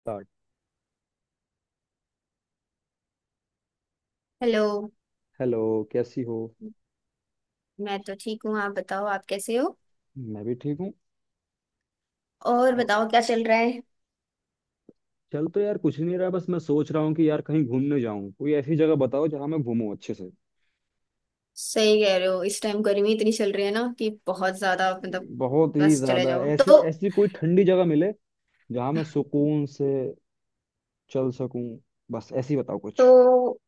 Start. Hello. Hello. कैसी हो? मैं तो ठीक हूँ, आप बताओ, आप कैसे हो। मैं भी ठीक हूँ। और अ, बताओ, क्या चल रहा है। चल तो यार कुछ नहीं रहा, बस मैं सोच रहा हूँ कि यार कहीं घूमने जाऊँ। कोई ऐसी जगह बताओ जहाँ मैं घूमूं अच्छे से। सही कह रहे हो, इस टाइम गर्मी इतनी चल रही है ना कि बहुत ज्यादा, मतलब बहुत ही बस चले ज्यादा, जाओ ऐसी तो। ऐसी कोई ठंडी जगह मिले जहाँ मैं सुकून से चल सकूं। बस ऐसी बताओ कुछ। तो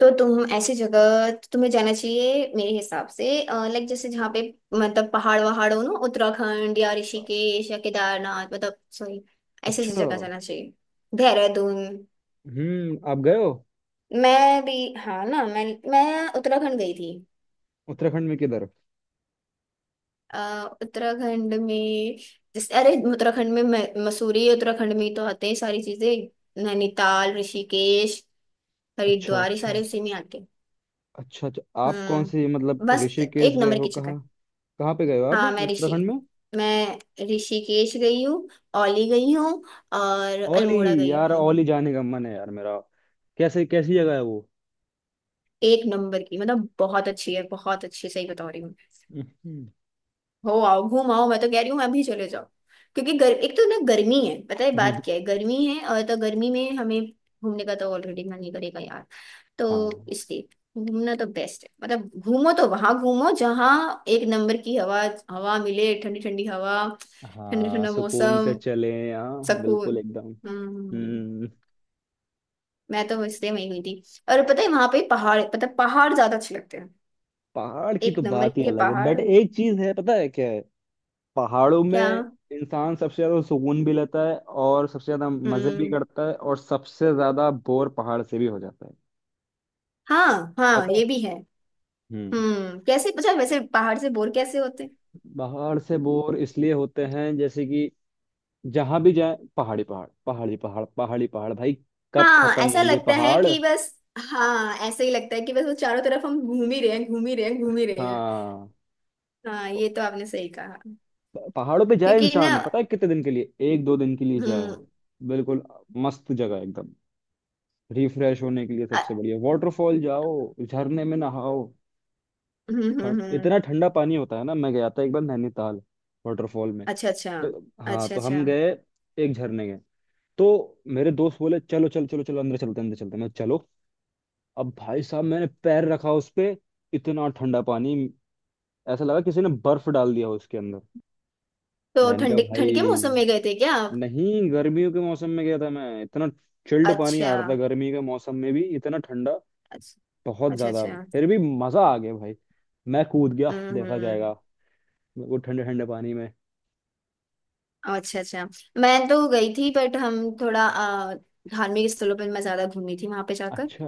तो तुम ऐसी जगह तुम्हें जाना चाहिए मेरे हिसाब से। लाइक जैसे जहाँ पे मतलब पहाड़ वहाड़ हो ना, उत्तराखंड या ऋषिकेश या केदारनाथ, मतलब सॉरी, ऐसी ऐसी अच्छा। जगह जाना चाहिए, देहरादून। हम्म, आप गए हो? मैं भी, हाँ ना, मैं उत्तराखंड गई थी। उत्तराखंड में किधर? उत्तराखंड में, जैसे, अरे उत्तराखंड में मसूरी, उत्तराखंड में ही तो आते हैं सारी चीजें, नैनीताल, ऋषिकेश, अच्छा हरिद्वार, ये अच्छा। सारे उसी में आते हैं। अच्छा अच्छा, आप कौन से मतलब हम्म, बस एक ऋषिकेश गए नंबर हो, की जगह है। कहाँ? कहाँ पे गए हो आप हाँ, मैं ऋषि उत्तराखंड में? मैं ऋषिकेश गई हूँ, औली गई हूँ, और ओली। अल्मोड़ा गई यार हूँ। ओली जाने का मन है यार मेरा। कैसे, कैसी जगह है वो? एक नंबर की, मतलब बहुत अच्छी है, बहुत अच्छी, सही बता रही हूँ। हम्म, हो आओ, घूम आओ, मैं तो कह रही हूँ, मैं अभी चले जाओ। क्योंकि एक तो ना, गर्मी है, पता है बात क्या है, गर्मी है, और तो गर्मी में हमें घूमने का तो ऑलरेडी मन नहीं करेगा यार, तो हाँ इसलिए घूमना तो बेस्ट है। मतलब घूमो तो वहां घूमो जहाँ एक नंबर की हवा हवा मिले, ठंडी ठंडी हवा, ठंडा हाँ, ठंडा सुकून से मौसम, चले, हाँ बिल्कुल सुकून। एकदम। हम्म, हम्म। मैं तो इसलिए वहीं गई थी। और पता है वहां पे पहाड़, मतलब पहाड़ ज्यादा अच्छे लगते हैं, पहाड़ की एक तो नंबर बात ही के अलग है, पहाड़। बट एक चीज है, पता है क्या है? पहाड़ों क्या? में इंसान सबसे ज्यादा सुकून भी लेता है, और सबसे ज्यादा मजे भी हम्म, करता है, और सबसे ज्यादा बोर पहाड़ से भी हो जाता है। हाँ हाँ, पता है। ये भी है। हम्म। हम्म, कैसे पता है वैसे, पहाड़ से बोर कैसे होते हैं? पहाड़ से बोर इसलिए होते हैं जैसे कि जहां भी जाए पहाड़ी पहाड़ पहाड़ी पहाड़ पहाड़ी पहाड़, भाई कब हाँ, खत्म ऐसा होंगे लगता है पहाड़। कि बस, हाँ ऐसे ही लगता है कि बस वो चारों तरफ हम घूम ही रहे हैं, घूम ही रहे हैं, घूम ही रहे हैं। हाँ। हाँ, तो ये तो आपने सही कहा। पहाड़ों पे जाए क्योंकि ना। इंसान, पता है कितने दिन के लिए, एक दो दिन के लिए जाए। हम्म। बिल्कुल मस्त जगह है एकदम, रिफ्रेश होने के लिए अ- सबसे बढ़िया। वाटरफॉल जाओ, झरने में नहाओ। हम्म, हम्म, हम्म। इतना ठंडा पानी होता है ना। मैं गया था एक बार नैनीताल वाटरफॉल में। अच्छा, अच्छा। तो हाँ, अच्छा तो अच्छा। हम गए, एक झरने गए। तो मेरे दोस्त बोले चलो चलो चलो चलो अंदर चलते हैं, अंदर चलते हैं। मैं चलो। अब भाई साहब, मैंने पैर रखा उस पे, इतना ठंडा पानी, ऐसा लगा किसी ने बर्फ डाल दिया हो उसके अंदर। तो मैंने कहा ठंड भाई, ठंड के मौसम में गए थे क्या आप? नहीं गर्मियों के मौसम में गया था मैं, इतना चिल्ड पानी आ अच्छा, रहा था, गर्मी के मौसम में भी इतना ठंडा, अच्छा। बहुत अच्छा ज्यादा। अच्छा। फिर भी मजा आ गया भाई, मैं कूद गया, देखा हम्म। जाएगा, वो ठंडे ठंडे पानी में। अच्छा अच्छा। मैं तो गई थी, बट हम थोड़ा धार्मिक स्थलों पर मैं ज्यादा घूमी थी वहां पे जाकर। अच्छा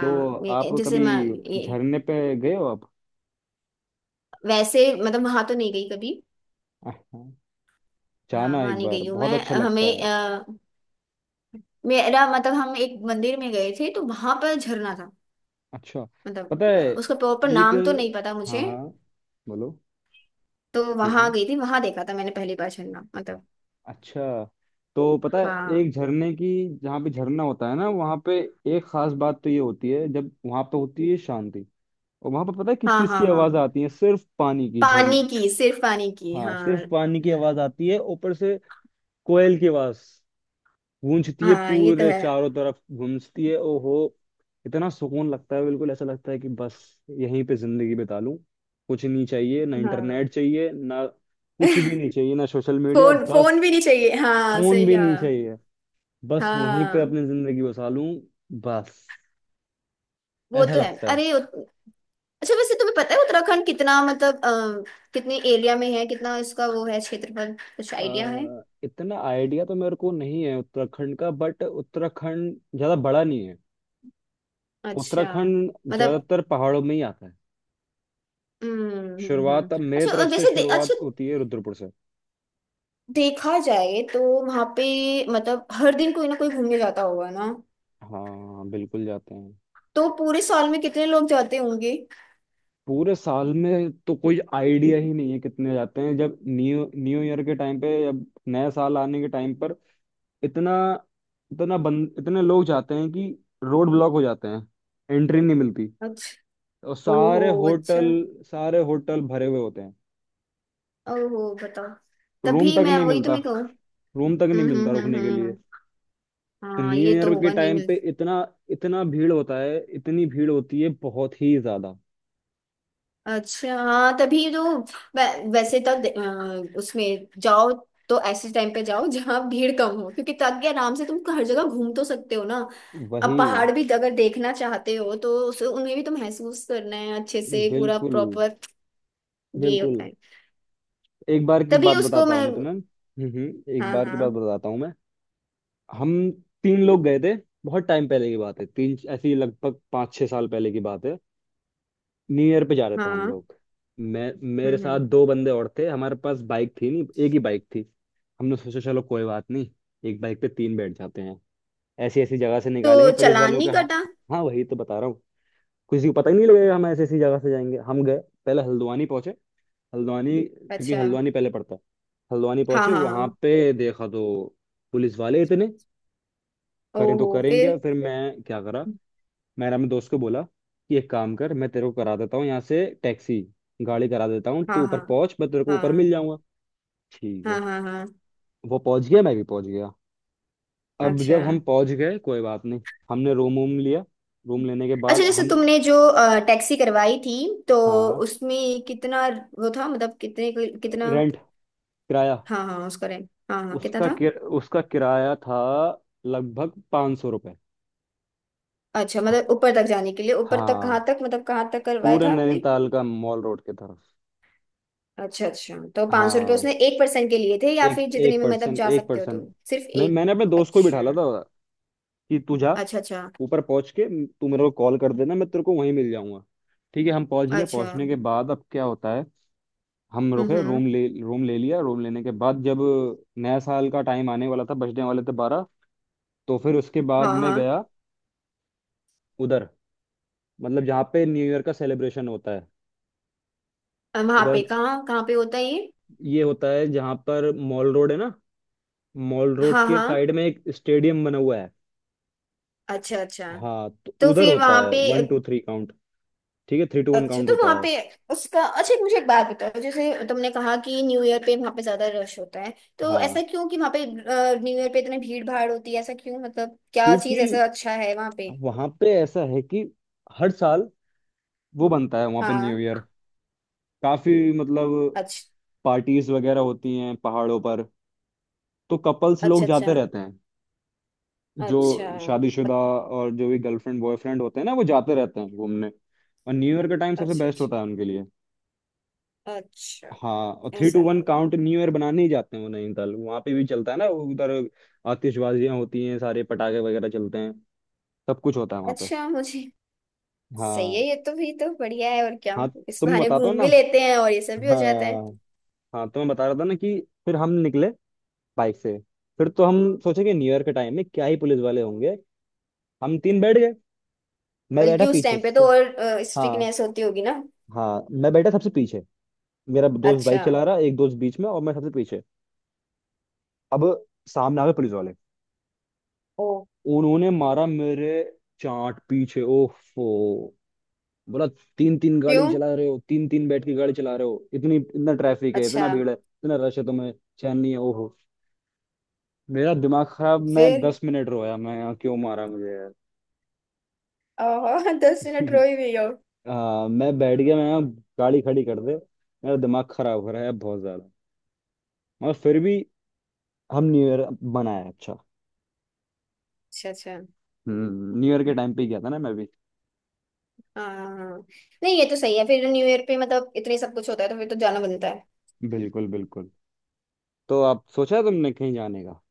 तो आप ये जैसे कभी मैं, ये, झरने पे गए हो आप? वैसे मतलब वहां तो नहीं गई कभी। हाँ, हाँ, जाना वहां एक नहीं बार गई हूँ बहुत मैं, अच्छा लगता है। मेरा मतलब हम एक मंदिर में गए थे तो वहां पर झरना था, अच्छा, मतलब पता है उसका प्रॉपर एक, नाम तो नहीं पता हाँ मुझे। हाँ बोलो। तो ठीक वहां है। गई थी, वहां देखा था मैंने पहली बार झरना, मतलब। अच्छा, तो पता है हाँ एक झरने की, जहाँ पे झरना होता है ना, वहाँ पे एक खास बात तो ये होती है, जब वहाँ पे होती है शांति। और वहाँ पे पता है किस हाँ चीज़ की हाँ। आवाज़ हाँ, आती है? सिर्फ पानी की झरन। पानी की, सिर्फ पानी की, हाँ हाँ। सिर्फ पानी की आवाज़ आती है ऊपर से, कोयल की आवाज़ गूंजती है हाँ, ये तो पूरे, है। चारों तरफ गूंजती है, ओहो। इतना सुकून लगता है, बिल्कुल ऐसा लगता है कि बस यहीं पे जिंदगी बिता लूं, कुछ नहीं चाहिए, ना हाँ। इंटरनेट चाहिए, ना कुछ भी नहीं चाहिए, ना सोशल मीडिया, फोन, बस फोन भी नहीं चाहिए, हाँ फोन सही भी कहा। नहीं चाहिए। बस वहीं पे हाँ, अपनी जिंदगी बसा लूं, बस वो ऐसा तो है, लगता है। अरे। अच्छा वैसे तुम्हें पता है उत्तराखंड कितना, मतलब कितने एरिया में है, कितना इसका वो है, क्षेत्रफल, कुछ आइडिया है? इतना आइडिया तो मेरे को नहीं है उत्तराखंड का, बट उत्तराखंड ज्यादा बड़ा नहीं है। अच्छा। उत्तराखंड मतलब। ज्यादातर पहाड़ों में ही आता है। शुरुआत अब मेरे अच्छा, और तरफ से जैसे शुरुआत अच्छा होती है रुद्रपुर से। देखा जाए तो वहां पे मतलब हर दिन कोई ना कोई घूमने जाता होगा ना, हाँ बिल्कुल जाते हैं। तो पूरे साल में कितने लोग जाते होंगे? पूरे साल में तो कोई आइडिया ही नहीं है कितने जाते हैं। जब न्यू न्यू ईयर के टाइम पे, जब नया साल आने के टाइम पर, इतना इतना बंद इतने लोग जाते हैं कि रोड ब्लॉक हो जाते हैं, एंट्री नहीं मिलती, अच्छा। और ओहो, सारे अच्छा। होटल, सारे होटल भरे हुए होते हैं, ओहो, बताओ। रूम तभी तक मैं, नहीं वही तो मिलता, मैं कहूँ। रूम तक नहीं मिलता रुकने के लिए। हम्म। तो हाँ, न्यू ये तो ईयर के होगा, नहीं टाइम पे मिल। इतना इतना भीड़ होता है, इतनी भीड़ होती है बहुत ही ज्यादा। अच्छा, हाँ तभी तो। वैसे तो उसमें जाओ तो ऐसे टाइम पे जाओ जहाँ भीड़ कम हो, क्योंकि ताकि आराम से तुम हर जगह घूम तो सकते हो ना। अब वही, पहाड़ भी अगर देखना चाहते हो तो उसे, उन्हें भी तो महसूस करना है अच्छे से, पूरा बिल्कुल प्रॉपर, ये बिल्कुल। होता है। एक बार की तभी बात उसको बताता हूँ मैं, मैं तुम्हें, एक हाँ बार की बात हाँ बताता हूँ मैं। हम तीन लोग गए थे, बहुत टाइम पहले की बात है, तीन ऐसी लगभग 5-6 साल पहले की बात है। न्यू ईयर पे जा रहे थे हम हाँ। लोग। मैं, मेरे हम्म। साथ दो बंदे और थे। हमारे पास बाइक थी, नहीं एक ही बाइक थी। हमने सोचा चलो कोई बात नहीं, एक बाइक पे तीन बैठ जाते हैं। ऐसी ऐसी जगह से तो निकालेंगे पुलिस चालान वालों के। नहीं हाँ, कटा? हाँ वही तो बता रहा हूँ। किसी को पता ही नहीं लगेगा, हम ऐसी ऐसी जगह से जाएंगे। हम गए, पहले हल्द्वानी पहुंचे। हल्द्वानी, क्योंकि अच्छा। हल्द्वानी पहले पड़ता है। हल्द्वानी हाँ पहुंचे, हाँ वहां हाँ। पे देखा तो पुलिस वाले इतने, करें तो ओहो, फिर? करेंगे, फिर मैं क्या करा? मैंने अपने दोस्त को बोला कि एक काम कर, मैं तेरे को करा देता हूँ यहाँ से टैक्सी, गाड़ी करा देता हूँ, हाँ तू ऊपर हाँ। पहुंच मैं तेरे को ऊपर मिल हाँ जाऊंगा। ठीक हाँ है। हाँ हाँ, हाँ, वो पहुंच गया, मैं भी पहुंच गया। अब अच्छा। जब हम पहुंच गए कोई बात नहीं, हमने रूम वूम लिया, रूम लेने के अच्छा बाद जैसे हम। तुमने जो टैक्सी करवाई थी, तो हाँ। उसमें कितना वो था, मतलब कितने, कितना। रेंट। किराया। हाँ हाँ, उसका रेंट, हाँ हाँ, कितना था? उसका किराया था लगभग 500 रुपये। अच्छा, मतलब ऊपर तक जाने के लिए, ऊपर तक कहाँ हाँ तक, मतलब कहाँ तक करवाया पूरे था आपने? नैनीताल का मॉल रोड की तरफ। अच्छा अच्छा। तो 500 रुपये हाँ, उसने एक पर्सन के लिए थे, या एक फिर जितने एक में मतलब पर्सन, जा एक सकते हो पर्सन। तुम, सिर्फ एक? मैंने अपने दोस्त को ही अच्छा बिठा ला था कि तू जा, अच्छा। अच्छा ऊपर पहुंच के तू मेरे को कॉल कर देना, मैं तेरे को वहीं मिल जाऊंगा। ठीक है, हम पहुंच गए। अच्छा। पहुंचने के बाद अब क्या होता है, हम रुके, हम्म। रूम ले लिया। रूम लेने के बाद जब नया साल का टाइम आने वाला था, बजने वाले थे 12। तो फिर उसके बाद हाँ मैं हाँ, गया उधर, मतलब जहाँ पे न्यू ईयर का सेलिब्रेशन होता है। वहां पे उधर कहाँ कहाँ पे होता है ये? ये होता है जहाँ पर मॉल रोड है ना, मॉल रोड हाँ के हाँ, साइड में एक स्टेडियम बना हुआ है। अच्छा अच्छा। हाँ, तो तो उधर फिर होता वहां है पे। वन टू थ्री काउंट, ठीक है थ्री टू वन अच्छा, काउंट तो वहां होता है। पे उसका। अच्छा, एक मुझे एक बात बताओ, जैसे तुमने कहा कि न्यू ईयर पे वहां पे ज्यादा रश होता है, तो ऐसा हाँ, क्यों कि वहां पे न्यू ईयर पे इतनी भीड़ भाड़ होती है, ऐसा क्यों, मतलब क्या क्योंकि चीज ऐसा अच्छा है वहां पे? वहां पे ऐसा है कि हर साल वो बनता है, वहां पे न्यू हाँ। ईयर काफी मतलब अच्छा पार्टीज वगैरह होती हैं पहाड़ों पर। तो कपल्स लोग अच्छा। अच्छा जाते रहते हैं, जो अच्छा। शादीशुदा मत- और जो भी गर्लफ्रेंड बॉयफ्रेंड होते हैं ना वो जाते रहते हैं घूमने। और न्यू ईयर का टाइम सबसे अच्छा बेस्ट अच्छा। होता है उनके लिए। अच्छा, हाँ और थ्री ऐसा टू वन है। काउंट न्यू ईयर बनाने ही जाते हैं वो नैनीताल, वहां पे भी चलता है ना वो उधर। आतिशबाजियां होती हैं, सारे पटाखे वगैरह चलते हैं, सब कुछ होता है वहां पे। अच्छा, मुझे। सही है, हाँ ये तो भी तो बढ़िया है, और क्या। हाँ। इस तुम बहाने बताता हो घूम ना, भी लेते हैं और ये सब भी हो जाता है। हाँ हाँ तो मैं बता रहा था ना कि फिर हम निकले बाइक से। फिर तो हम सोचे कि न्यू ईयर के टाइम में क्या ही पुलिस वाले होंगे। हम तीन बैठ गए, मैं बैठा बल्कि उस पीछे टाइम पे से। तो और हाँ स्ट्रिकनेस होती होगी ना। हाँ, मैं बैठा सबसे पीछे, मेरा दोस्त बाइक अच्छा। चला रहा, एक दोस्त बीच में और मैं सबसे पीछे। अब सामने आ गए पुलिस वाले। ओ, उन्होंने मारा मेरे चाट पीछे, ओफो। बोला तीन तीन गाड़ी क्यों? चला रहे हो, तीन तीन बैठ के गाड़ी चला रहे हो, इतनी इतना ट्रैफिक है, इतना अच्छा, भीड़ है, इतना रश है, तुम्हें चैन नहीं है? ओहो मेरा दिमाग खराब, मैं फिर? 10 मिनट रोया, मैं यहाँ क्यों मारा मुझे यार। आहा 10 मिनट रोई हुई हो? मैं बैठ गया, मैं यहाँ गाड़ी खड़ी कर दे, मेरा दिमाग खराब हो रहा है बहुत ज्यादा। मगर फिर भी हम न्यू ईयर बनाया अच्छा। अच्छा अच्छा। हम्म, न्यू ईयर के टाइम पे ही गया था ना मैं भी। हाँ हाँ हाँ। नहीं, ये तो सही है, फिर न्यू ईयर पे मतलब इतने सब कुछ होता है तो फिर तो जाना बनता है। बिल्कुल बिल्कुल। तो आप सोचा तुमने कहीं जाने का?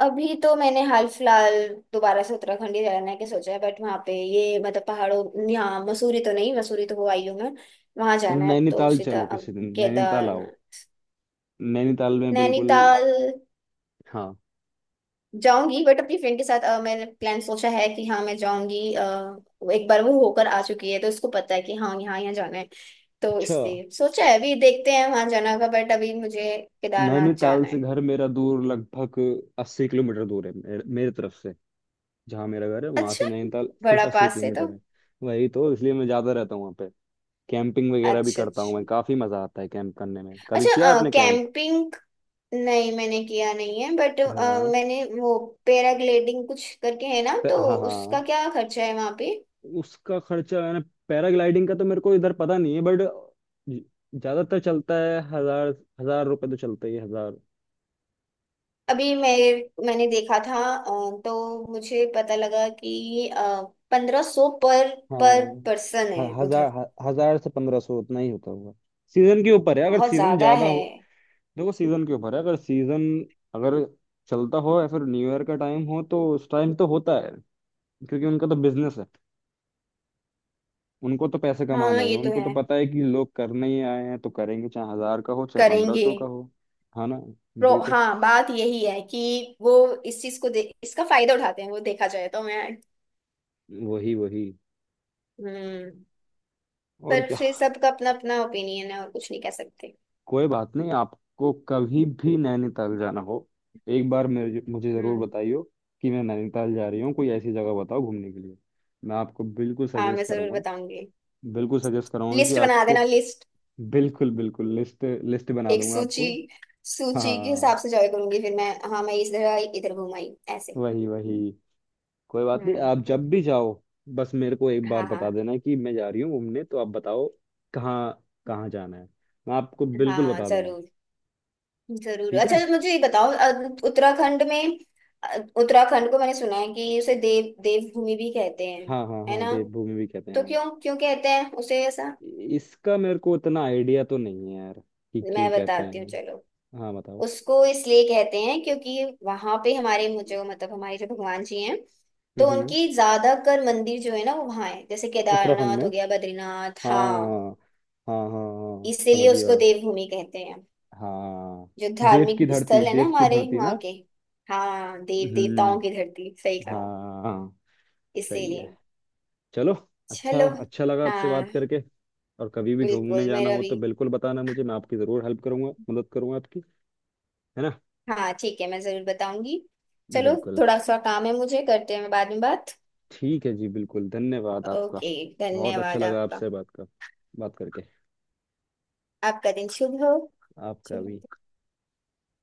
अभी तो मैंने हाल फिलहाल दोबारा से उत्तराखंड ही जाने के सोचा है, बट वहाँ पे ये मतलब पहाड़ों, यहाँ मसूरी तो नहीं, मसूरी तो हो आई हूँ मैं, वहाँ जाना है, अब तो नैनीताल सीधा चलो, अब किसी दिन नैनीताल आओ। केदारनाथ, नैनीताल में बिल्कुल। नैनीताल हाँ। जाऊंगी, बट अपनी फ्रेंड के साथ। मैंने प्लान सोचा है कि हाँ मैं जाऊंगी। वो एक बार वो होकर आ चुकी है तो उसको पता है कि हाँ यहाँ यहाँ जाना है, तो अच्छा इसलिए सोचा है। अभी देखते हैं वहां जाना का, बट अभी मुझे केदारनाथ नैनीताल जाना से है। घर मेरा दूर, लगभग 80 किलोमीटर दूर है, मेरे तरफ से। जहाँ मेरा घर है वहां अच्छा, से नैनीताल सिर्फ बड़ा अस्सी पास है तो। किलोमीटर है। वही तो, इसलिए मैं ज्यादा रहता हूँ वहाँ पे। कैंपिंग वगैरह भी अच्छा अच्छा। करता हूँ मैं, काफी मजा आता है कैंप करने में। कभी किया अच्छा आपने कैंप? कैंपिंग। नहीं, मैंने किया नहीं है, बट हाँ। मैंने वो पैराग्लाइडिंग कुछ करके है ना, तो हाँ उसका हाँ। क्या खर्चा है वहां पे? उसका खर्चा मैंने, पैराग्लाइडिंग का तो मेरे को इधर पता नहीं है, बट ज्यादातर चलता है हजार, 1,000 रुपए तो चलता ही है हजार। अभी मैं, मैंने देखा था, तो मुझे पता लगा कि 1500 पर हाँ पर्सन है उधर। हजार हजार से 1,500, उतना ही होता होगा। सीजन के ऊपर है, अगर बहुत सीजन ज्यादा ज्यादा है। हो। देखो सीजन के ऊपर है अगर सीजन, अगर चलता हो या फिर न्यू ईयर का टाइम हो तो उस टाइम तो होता है। क्योंकि उनका तो बिजनेस है, उनको तो पैसे हाँ, कमाने हैं। ये तो उनको तो है, पता है कि लोग करने ही आए हैं तो करेंगे, चाहे हजार का हो चाहे पंद्रह करेंगे। सौ का हो, है ना? प्रो, वही तो, हाँ, बात यही है कि वो इस चीज को दे, इसका फायदा उठाते हैं वो, देखा जाए तो मैं। वही वही, हम्म। और पर क्या। फिर सबका अपना अपना ओपिनियन है, और कुछ नहीं कह सकते। कोई बात नहीं, आपको कभी भी नैनीताल जाना हो, एक बार मेरे, मुझे ज़रूर हम्म। बताइयो कि मैं नैनीताल जा रही हूँ, कोई ऐसी जगह बताओ घूमने के लिए, मैं आपको बिल्कुल हाँ मैं सजेस्ट जरूर करूँगा। बताऊंगी। बिल्कुल सजेस्ट कराऊंगा कि लिस्ट बना देना, आपको, लिस्ट, बिल्कुल बिल्कुल लिस्ट, लिस्ट बना एक दूंगा सूची। आपको। सूची के हाँ। हिसाब से जॉय करूंगी फिर मैं, हाँ मैं इधर आई, इधर घूम आई, ऐसे। वही वही। कोई बात नहीं आप हम्म। जब भी जाओ, बस मेरे को एक बार हाँ बता हाँ। देना कि मैं जा रही हूँ घूमने तो, आप बताओ कहाँ, कहाँ जाना है, मैं आपको बिल्कुल हाँ बता दूंगा। जरूर, जरूर। ठीक अच्छा है। मुझे ये बताओ, उत्तराखंड में, अ, उत्तराखंड को मैंने सुना है कि उसे देवभूमि भी कहते हैं, हाँ हाँ है हाँ ना, देवभूमि भी कहते हैं तो हाँ। क्यों, क्यों कहते हैं उसे ऐसा? इसका मेरे को उतना आइडिया तो नहीं है यार कि क्यों मैं कहते बताती हूँ हैं। चलो। हाँ बताओ। उसको इसलिए कहते हैं क्योंकि वहां पे हमारे, मुझे मतलब हमारे जो भगवान जी हैं, तो हम्म उनकी ज्यादातर मंदिर जो है ना, वो वहां है, जैसे उत्तराखंड केदारनाथ हो में। गया, बद्रीनाथ, हाँ, हाँ हाँ हाँ हाँ, समझ इसीलिए गया। उसको देवभूमि कहते हैं, हाँ जो देव धार्मिक की धरती, स्थल है ना देव की हमारे धरती वहाँ ना। के। हाँ, देव देवताओं की हम्म। धरती, सही कहा। हाँ सही है। इसीलिए। चलो। अच्छा, चलो। अच्छा लगा आपसे बात हाँ, करके। और कभी भी घूमने बिल्कुल, जाना मेरा हो भी। तो बिल्कुल बताना मुझे, मैं आपकी जरूर हेल्प करूंगा, मदद करूंगा आपकी, है ना? हाँ ठीक है, मैं जरूर बताऊंगी। चलो बिल्कुल। थोड़ा सा काम है मुझे, करते हैं बाद में बात। ठीक है जी, बिल्कुल, धन्यवाद आपका। ओके, बहुत अच्छा धन्यवाद लगा आपका। आपसे बात कर, बात करके। आपका दिन शुभ हो, आपका भी। शुभ।